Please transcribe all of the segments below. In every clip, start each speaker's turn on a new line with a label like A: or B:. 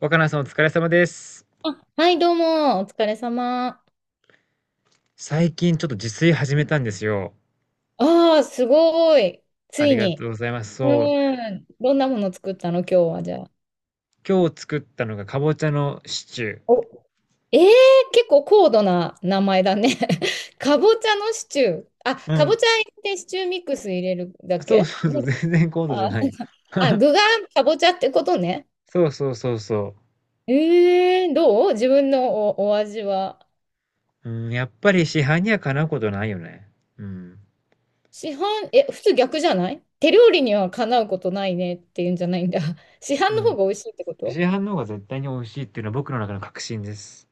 A: 若菜さんお疲れ様です。
B: はい、どうも、お疲れ様。
A: 最近ちょっと自炊始めたんですよ。
B: ああ、すごい。つ
A: あ
B: い
A: りがとう
B: に。
A: ございます。
B: う
A: そう。
B: ーん。どんなもの作ったの、今日は、じゃあ。
A: 今日作ったのがかぼちゃのシチュー。
B: お、えー、結構高度な名前だね。かぼちゃのシチュー。あ、
A: う
B: かぼ
A: ん。
B: ちゃ入れてシチューミックス入れるだけ
A: そう、
B: ね？
A: 全然高度じゃ
B: あ、
A: ないよ。
B: あ、具がかぼちゃってことね。
A: そうそうそうそ
B: どう自分のお味は？
A: う。うん、やっぱり市販にはかなうことないよね。うん。
B: 市販、普通逆じゃない手料理にはかなうことないねっていうんじゃないんだ。市
A: う
B: 販の方
A: ん。
B: が美味しいってこ
A: 市
B: と？
A: 販の方が絶対に美味しいっていうのは僕の中の確信です。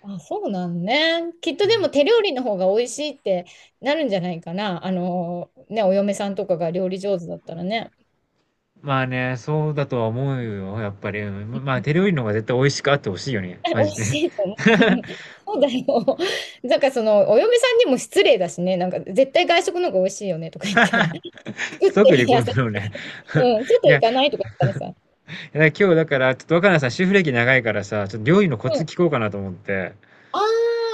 B: あ、そうなんね。きっと
A: う
B: で
A: ん。
B: も手料理の方が美味しいってなるんじゃないかな。あのね、お嫁さんとかが料理上手だったらね。
A: まあね、そうだとは思うよ、やっぱり。うん。まあ手料理の方が絶対美味しくあってほしいよね。マ
B: 美味
A: ジで。
B: しいと思う。そうだよ。なんかその、お嫁さんにも失礼だしね。なんか絶対外食の方が美味しいよねとか言って。作
A: 即
B: っ
A: 離
B: て
A: 婚
B: やせ、
A: だろうね。
B: うん、
A: い
B: 外
A: や、
B: 行かないとか言ったらさ。
A: 今日だから、ちょっと若菜さん、主婦歴長いからさ、ちょっと料理のコ
B: うん。
A: ツ
B: あ
A: 聞こうかなと思って。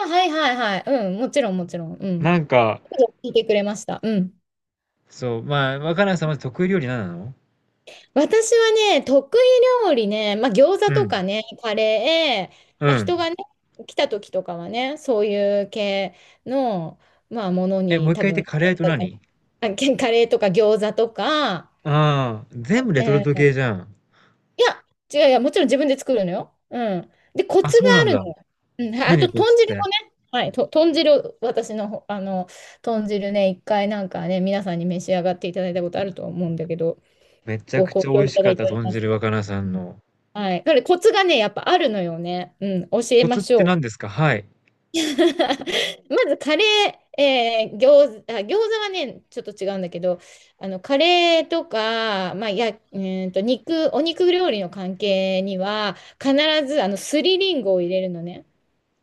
B: あ、はいはいはい。うん、もちろんもちろん。うん。
A: なんか、
B: 聞いてくれました。うん。
A: そう、まあ、若菜さんまず得意料理何なの？
B: 私はね、得意料理ね、まあ、餃子
A: う
B: と
A: ん。
B: かね、カレー、
A: う
B: まあ、
A: ん。
B: 人がね、来た時とかはね、そういう系の、まあ、もの
A: え、もう
B: に
A: 一
B: 多
A: 回言って、
B: 分、
A: カレーと何？
B: カレーとか餃子とか。
A: ああ、全部レ
B: え
A: トルト系
B: ー
A: じゃん。
B: いや、違う、いや、もちろん自分で作るのよ。うん。で、コ
A: あ、
B: ツが
A: そうな
B: あ
A: ん
B: る
A: だ。
B: のよ。うん、あ
A: 何
B: と、
A: コ
B: 豚
A: ツっ
B: 汁
A: て？
B: もね、はい、豚汁、私のほ、あの、豚汁ね、一回なんかね、皆さんに召し上がっていただいたことあると思うんだけど、
A: めちゃ
B: ご
A: く
B: 好
A: ちゃ美
B: 評
A: 味
B: い
A: し
B: ただ
A: かっ
B: い
A: た、
B: ており
A: 豚
B: ます。
A: 汁若菜さんの。
B: はい。だからコツがね、やっぱあるのよね。うん、教え
A: コツ
B: ま
A: っ
B: し
A: て
B: ょ
A: 何
B: う。
A: ですか？はい。
B: まずカレー、餃子はね、ちょっと違うんだけど、あの、カレーとか、まあ、や、うーんと、肉、お肉料理の関係には、必ず、あの、すりりんごを入れるのね。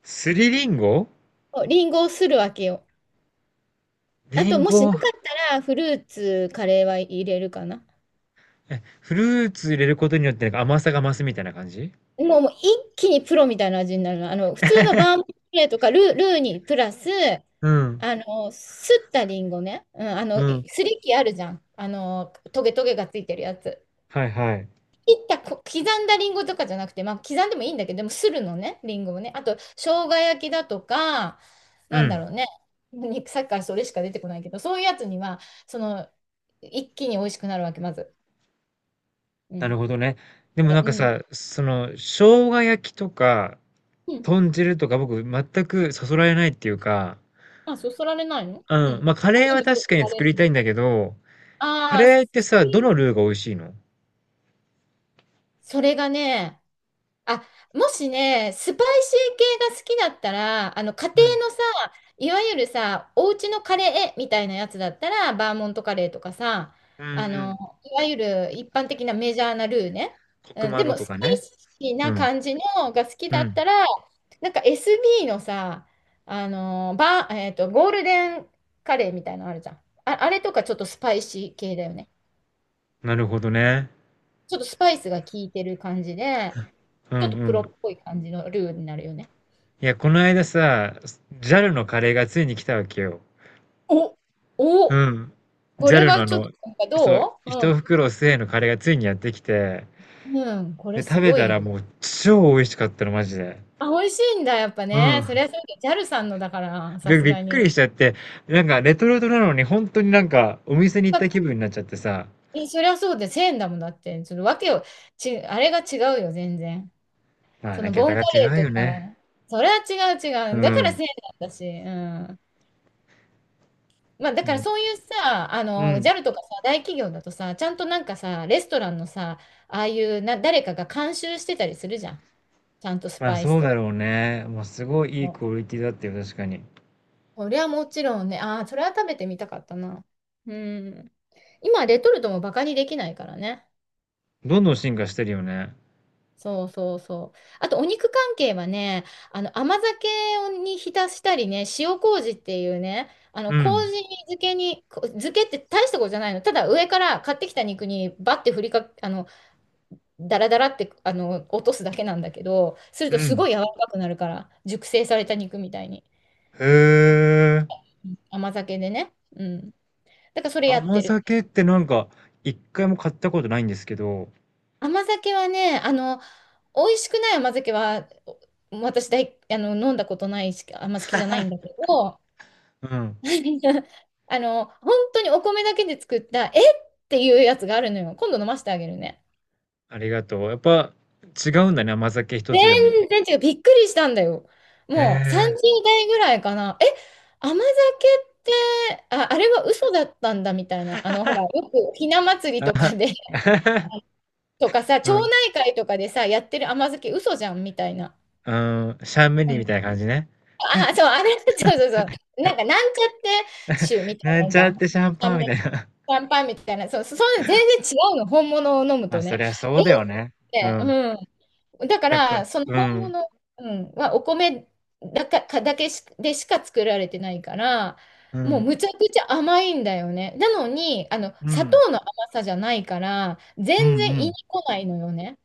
A: すりりんご。
B: そうリンゴをするわけよ。あ
A: り
B: と、
A: ん
B: もしな
A: ご。
B: かったら、フルーツ、カレーは入れるかな。
A: え、フルーツ入れることによってなんか甘さが増すみたいな感じ？
B: もう一気にプロみたいな味になるの。あの、普通のバームクーヘンとかルーにプラス、
A: うん。
B: あの、すったりんごね。うん、あの、
A: うん。
B: すりきあるじゃん。あの、トゲトゲがついてるやつ。
A: はいはい。
B: 切ったこ、刻んだりんごとかじゃなくて、まあ、刻んでもいいんだけど、でも、するのね、りんごをね。あと、生姜焼きだとか、
A: う
B: なんだ
A: ん。
B: ろうね。肉さっきからそれしか出てこないけど、そういうやつには、その、一気に美味しくなるわけ、まず。う
A: な
B: ん。
A: るほどね。でも
B: で、
A: なんか
B: うん。
A: さ、その、生姜焼きとか、
B: うん。
A: 豚汁とか僕全くそそられないっていうか、
B: あ、そそられないの？うん。
A: うん、まあカレーは
B: 何にそ
A: 確か
B: そ
A: に
B: られ
A: 作
B: る
A: りた
B: の？
A: いんだけど、カ
B: ああ、
A: レーってさ、どのルーが美味しいの？
B: それがね、あ、もしね、スパイシー系が好きだったら、あの、家庭
A: うん。
B: のさ、いわゆるさ、お家のカレーみたいなやつだったら、バーモントカレーとかさ、
A: うん
B: あ
A: う
B: の、
A: ん。
B: いわゆる一般的なメジャーなルーね。
A: コク
B: うん、
A: マ
B: で
A: ロ
B: も、
A: と
B: ス
A: か
B: パイ
A: ね。
B: シー
A: う
B: な
A: ん。
B: 感じのが好き
A: う
B: だっ
A: ん。
B: たら、なんか SB のさ、あの、バー、えっと、ゴールデンカレーみたいなのあるじゃん。あ、あれとかちょっとスパイシー系だよね。
A: なるほどね。
B: ちょっとスパイスが効いてる感じで、
A: うんう
B: ちょっとプロっ
A: ん。
B: ぽい感じのルーになるよね。
A: いや、この間さ、ジャルのカレーがついに来たわけよ。
B: お、
A: う
B: お、
A: ん。
B: こ
A: ジャ
B: れ
A: ルの
B: は
A: あ
B: ちょっと
A: の、
B: なんか
A: そう、
B: どう？う
A: 一
B: ん。
A: 袋1のカレーがついにやってきて、
B: うん、これ
A: で、
B: す
A: 食べ
B: ご
A: た
B: い
A: ら
B: よ。
A: もう超美味しかったの、マジで。
B: あ、美味しいんだ、やっぱ
A: う
B: ね。そり
A: ん。
B: ゃそうだ。ジャルさんのだから、さす
A: びっ
B: が
A: く
B: に。
A: りしちゃって、なんかレトルトなのに本当になんかお店に行った気
B: か
A: 分になっちゃってさ、
B: そりゃそうで、1000だもんだって。ちょっとわけを、あれが違うよ、全然。
A: まあ
B: そ
A: ね、
B: のボ
A: 桁
B: ン
A: が
B: カ
A: 違
B: レー
A: う
B: と
A: よね。
B: か、それは違う
A: う
B: 違う。だから
A: ん。
B: 0なんだし、うん。まあ、だから
A: ね。
B: そういうさ、あ
A: う
B: の、
A: ん。
B: ジャルとかさ、大企業だとさ、ちゃんとなんかさ、レストランのさ、ああいうな、誰かが監修してたりするじゃん。ちゃんとス
A: まあ
B: パイス
A: そう
B: と
A: だ
B: か
A: ろうね。まあすごいいい
B: も。
A: クオリティだったよ、確かに。
B: それはもちろんね、ああ、それは食べてみたかったな。うん。今、レトルトもバカにできないからね。
A: どんどん進化してるよね。
B: そうそうそう。あと、お肉関係はね、あの、甘酒に浸したりね、塩麹っていうね、あの、
A: う
B: 麹
A: ん。
B: 漬けに、こ漬けって大したことじゃないの。ただ、上から買ってきた肉にバッて振りか、あの、ダラダラってあの落とすだけなんだけど、する
A: う
B: とす
A: ん。
B: ごい柔らかくなるから、熟成された肉みたいに。
A: へえ。
B: うん、甘酒でね。うん。だからそれやっ
A: 甘
B: てる。
A: 酒ってなんか一回も買ったことないんですけど、
B: 甘酒はね、あの、美味しくない甘酒は、お私大あの、飲んだことないし、あんま好きじゃないんだけど、
A: うん。
B: あの、本当にお米だけで作った、っていうやつがあるのよ。今度飲ませてあげるね。
A: ありがとう。やっぱ違うんだね、甘酒一つでも。
B: 全然違う。びっくりしたんだよ。
A: へ
B: もう
A: え。
B: 30代ぐらいかな。え、甘酒って、あ、あれは嘘だったんだみたいな。あの、ほら、よくひな祭りとかで とかさ、
A: う
B: 町
A: ん。
B: 内会とかでさ、やってる甘酒嘘じゃんみたいな。
A: うん、シャンメ
B: う
A: リーみ
B: ん、
A: たいな感じね。
B: あ、そう、あれ、そうそうそう。なんか、なんちゃって酒み たい
A: な
B: な
A: ん
B: の
A: ち
B: じゃ
A: ゃっ
B: ん。
A: てシャン
B: ャ
A: パ
B: ン
A: ンみ
B: メシ
A: たいな。
B: ャンパンみたいな。そう、そういうの全然違うの。本物を飲 む
A: まあ、
B: と
A: そ
B: ね。
A: りゃそ
B: え
A: う
B: っ
A: だよね。う
B: て、
A: ん。
B: うん。だか
A: やっぱ
B: ら、その
A: う
B: 本
A: ん、
B: 物、うん、はお米だか、かだけし、でしか作られてないから、
A: う
B: もう
A: ん、
B: むちゃくちゃ甘いんだよね。なのに、あの、
A: う
B: 砂
A: ん、
B: 糖の甘さじゃないから、全
A: うんう
B: 然胃
A: ん。
B: に来ないのよね。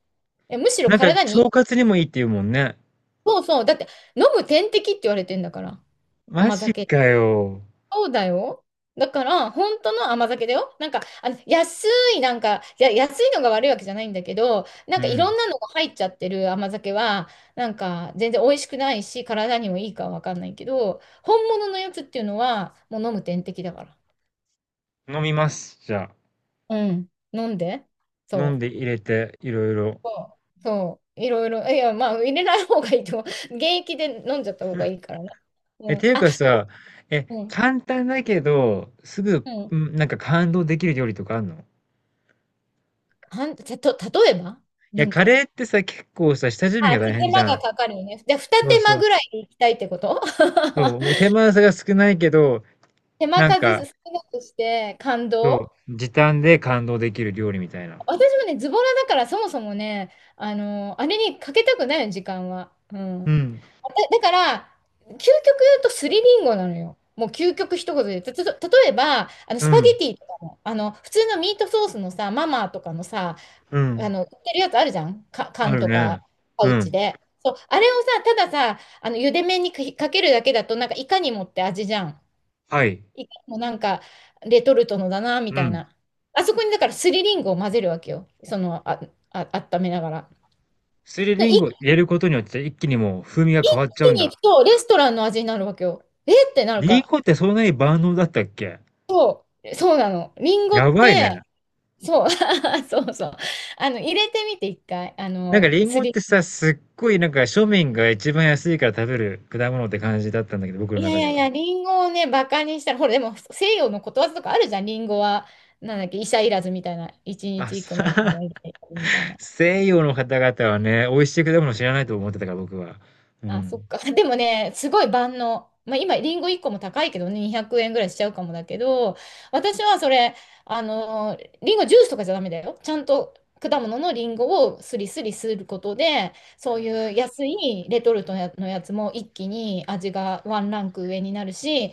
B: いやむしろ
A: なんか
B: 体に、
A: 腸活にもいいって言うもんね。
B: そうそう、だって飲む点滴って言われてんだから、
A: マ
B: 甘
A: ジ
B: 酒。
A: かよ。
B: そうだよ。だから、本当の甘酒だよ。なんか、あの、安い、なんか、いや、安いのが悪いわけじゃないんだけど、なん
A: う
B: かいろ
A: ん、
B: んなのが入っちゃってる甘酒は、なんか全然美味しくないし、体にもいいかはわかんないけど、本物のやつっていうのは、もう飲む点滴だから。
A: 飲みます、じゃあ。
B: うん。飲んで。
A: 飲
B: そ
A: ん
B: う。
A: で入れて、いろいろ。
B: そう。そう。いろいろ。いや、まあ、入れない方がいいと思う。現役で飲んじゃった方がいいからね。
A: え、
B: うん。
A: ていう
B: あ、
A: かさ、え、
B: うん。
A: 簡単だけど、すぐ、
B: うん。
A: うん、なんか感動できる料理とかあんの？
B: はん、じゃと、例えば
A: い
B: な
A: や、
B: ん
A: カレ
B: か、
A: ーってさ、結構さ、下準備
B: あ、
A: が
B: ちょ
A: 大
B: っと
A: 変
B: 手
A: じ
B: 間
A: ゃ
B: が
A: ん。
B: かかるよね。じゃあ、二
A: そう
B: 手
A: そ
B: 間
A: う。
B: ぐらい行きたいってこと？
A: そ う、手間さが少ないけど、
B: 手間
A: なん
B: 数
A: か、
B: 少なくして感
A: そ
B: 動。
A: う、時短で感動できる料理みたいな。
B: 私もね、ズボラだからそもそもね、あの、あれにかけたくないの、時間は。うん。
A: う
B: だ、
A: ん、
B: だから、究極言うとスリリンゴなのよ。もう究極一言で。例えば、あの、
A: う
B: スパゲ
A: ん、
B: ティとかも、あの、普通のミートソースのさ、ママとかのさ、
A: う
B: あ
A: ん。
B: の、売ってるやつあるじゃん。か、
A: あ
B: 缶
A: る
B: と
A: ね。
B: か、パ
A: う
B: ウ
A: ん。
B: チで。そう、あれをさ、たださ、あの、茹で麺にかけるだけだと、なんか、いかにもって味じゃん。
A: はい。
B: いかにもなんか、レトルトのだな、み
A: う
B: たい
A: ん。
B: な。あそこに、だから、すりりんごを混ぜるわけよ。その、あ、温めながら。
A: すり
B: で
A: りん
B: 一
A: ご入れることによって一気にもう風味が変わっちゃう
B: 気
A: ん
B: に行
A: だ。
B: くと、レストランの味になるわけよ。えってなる
A: りん
B: か
A: ごってそんなに万能だったっけ？
B: ら。そうなの。りんご
A: や
B: っ
A: ばい
B: て、
A: ね。
B: そう、そうそう。あの、入れてみて、一回。あ
A: なんか
B: の、
A: りん
B: す
A: ごっ
B: り。
A: てさ、すっごいなんか庶民が一番安いから食べる果物って感じだったんだけど、僕の
B: いやい
A: 中で
B: やい
A: は。
B: や、リンゴをね、バカにしたら、ほら、でも西洋のことわざとかあるじゃん、リンゴは、なんだっけ、医者いらずみたいな、一
A: あ、
B: 日一個のリンゴ
A: さ、
B: はいらずみたい な。
A: 西洋の方々はね、美味しい果物知らないと思ってたから僕は。う
B: あ、そっ
A: ん。
B: か。でもね、すごい万能。まあ、今、リンゴ1個も高いけどね、200円ぐらいしちゃうかもだけど、私はそれ、あの、リンゴジュースとかじゃダメだよ。ちゃんと果物のリンゴをスリスリすることで、そういう安いレトルトのやつも一気に味がワンランク上になるし、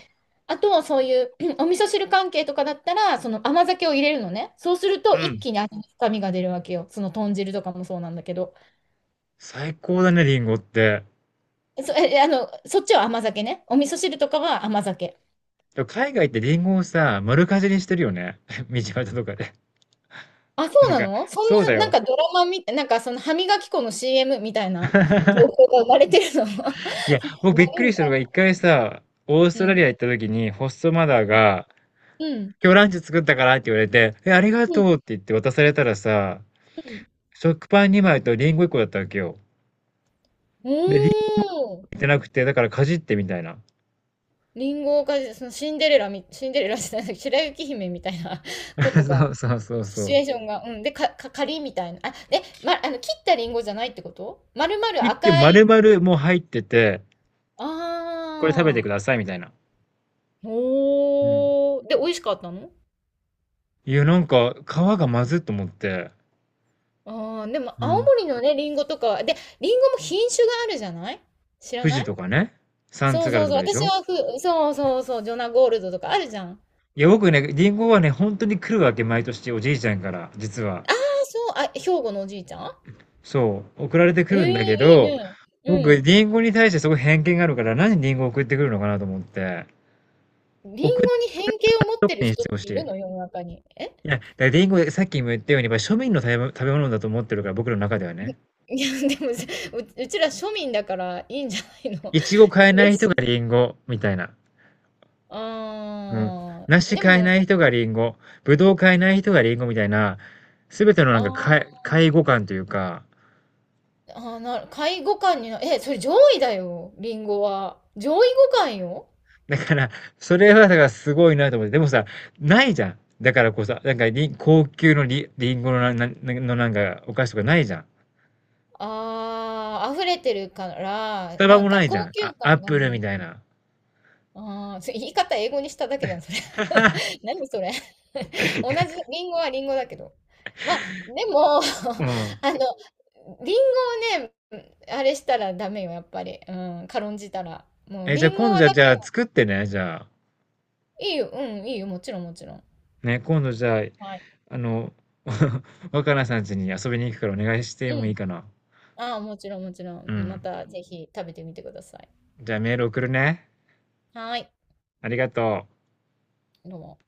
B: あと、そういう お味噌汁関係とかだったら、その甘酒を入れるのね。そうする
A: う
B: と
A: ん。
B: 一気に味の深みが出るわけよ。その豚汁とかもそうなんだけど。
A: 最高だね、リンゴって。
B: そ、え、あの、そっちは甘酒ね。お味噌汁とかは甘酒。
A: でも海外ってリンゴをさ、丸かじりしてるよね。道端とかで。
B: あ、そ
A: な
B: う
A: ん
B: な
A: か、
B: の？そん
A: そうだ
B: な、なん
A: よ。
B: かドラマみたい、なんかその歯磨き粉の CM みたいな情報が生まれてるの。ガ
A: いや、僕びっ
B: リ
A: く
B: み
A: りした
B: た
A: の
B: い
A: が一回さ、オース
B: な。う
A: トラリ
B: ん。
A: ア行った時にホストマザーが、
B: うん。
A: 今日ランチ作ったからって言われて、え、ありが
B: う
A: と
B: ん。
A: うって言って渡されたらさ、
B: うん。
A: 食パン2枚とリンゴ1個だったわけよ。
B: お
A: で、リンゴ
B: ー。
A: 入ってなくて、だからかじってみたいな。
B: リンゴが、そのシンデレラじゃない、白雪姫みたいな こと
A: そ
B: が、
A: うそうそうそ
B: シチュ
A: う。
B: エーションが、うん。で、仮みたいな。あ、ま、あの、切ったリンゴじゃないってこと？丸
A: 切
B: 々
A: って
B: 赤
A: 丸
B: い。
A: 々もう入ってて、これ食べて
B: あ
A: くださいみたいな。
B: ー。
A: うん。
B: おー。で、美味しかったの？
A: いや、なんか、皮がまずっと思って。
B: ああ、でも
A: う
B: 青
A: ん。
B: 森のね、リンゴとかは、で、リンゴも品種があるじゃない？知ら
A: 富
B: な
A: 士
B: い？
A: とかね、三
B: そ
A: 津
B: うそ
A: 軽
B: う
A: と
B: そう。
A: かでし
B: 私
A: ょ？
B: はそうそうそう、ジョナゴールドとかあるじゃん。あ、
A: いや、僕ね、リンゴはね、本当に来るわけ、毎年、おじいちゃんから、実は。
B: そう、あ、兵庫のおじいちゃん？
A: そう、送られてく
B: え
A: る
B: えー、
A: んだけ
B: いい
A: ど、
B: ね。う
A: 僕、
B: ん。
A: リンゴに対してすごい偏見があるから、何リンゴ送ってくるのかなと思って、
B: リン
A: 送って
B: ゴに偏見を持っ
A: とこ
B: てる
A: にし
B: 人っ
A: てほし
B: てい
A: い。
B: るの？世の中に。え？
A: いや、だからリンゴ、さっきも言ったように、まあ庶民の食べ物だと思ってるから、僕の中ではね。
B: いや、でもさ、うちら庶民だからいいんじゃないの？
A: いちご買え ない
B: 嬉
A: 人
B: し
A: が
B: い。
A: リンゴ、みたいな。うん。
B: あー
A: 梨
B: で
A: 買えない
B: も、
A: 人がリンゴ、ぶどう買えない人がリンゴみたいな、すべての
B: あ
A: なんか、
B: ー
A: 介護感というか、
B: あー、なる、下位互換にな、え、それ上位だよ、リンゴは。上位互換よ。
A: だから、それはだからすごいなと思って、でもさ、ないじゃん。だからこうさ、なんかり高級のリンゴのな、な、なのなんかお菓子とかないじゃん。
B: ああ、溢れてるか
A: ス
B: ら、
A: タバ
B: なん
A: もな
B: か
A: いじゃ
B: 高
A: ん。
B: 級
A: あ、アッ
B: 感が
A: プル
B: ね
A: み
B: い。
A: たいな。
B: ああ、それ言い方英語にしただけじゃん、それ。何それ。同じ、リンゴはリンゴだけど。まあ、でも、
A: うん。
B: あの、リンゴをね、あれしたらダメよ、やっぱり。うん、軽んじたら。もう、
A: え、じゃ
B: リ
A: あ
B: ン
A: 今
B: ゴ
A: 度
B: だ
A: じゃ
B: け
A: あ
B: は、
A: 作ってね、じゃあ。
B: いいよ、うん、いいよ、もちろん、もちろん。
A: ね、今度じゃあ、
B: はい。
A: あの、若菜さん家に遊びに行くからお願いして
B: う
A: もいい
B: ん。
A: かな。
B: ああ、もちろん、もちろ
A: う
B: ん。ま
A: ん。
B: た、ぜひ食べてみてください。
A: じゃあメール送るね。
B: はい。
A: ありがとう。
B: どうも。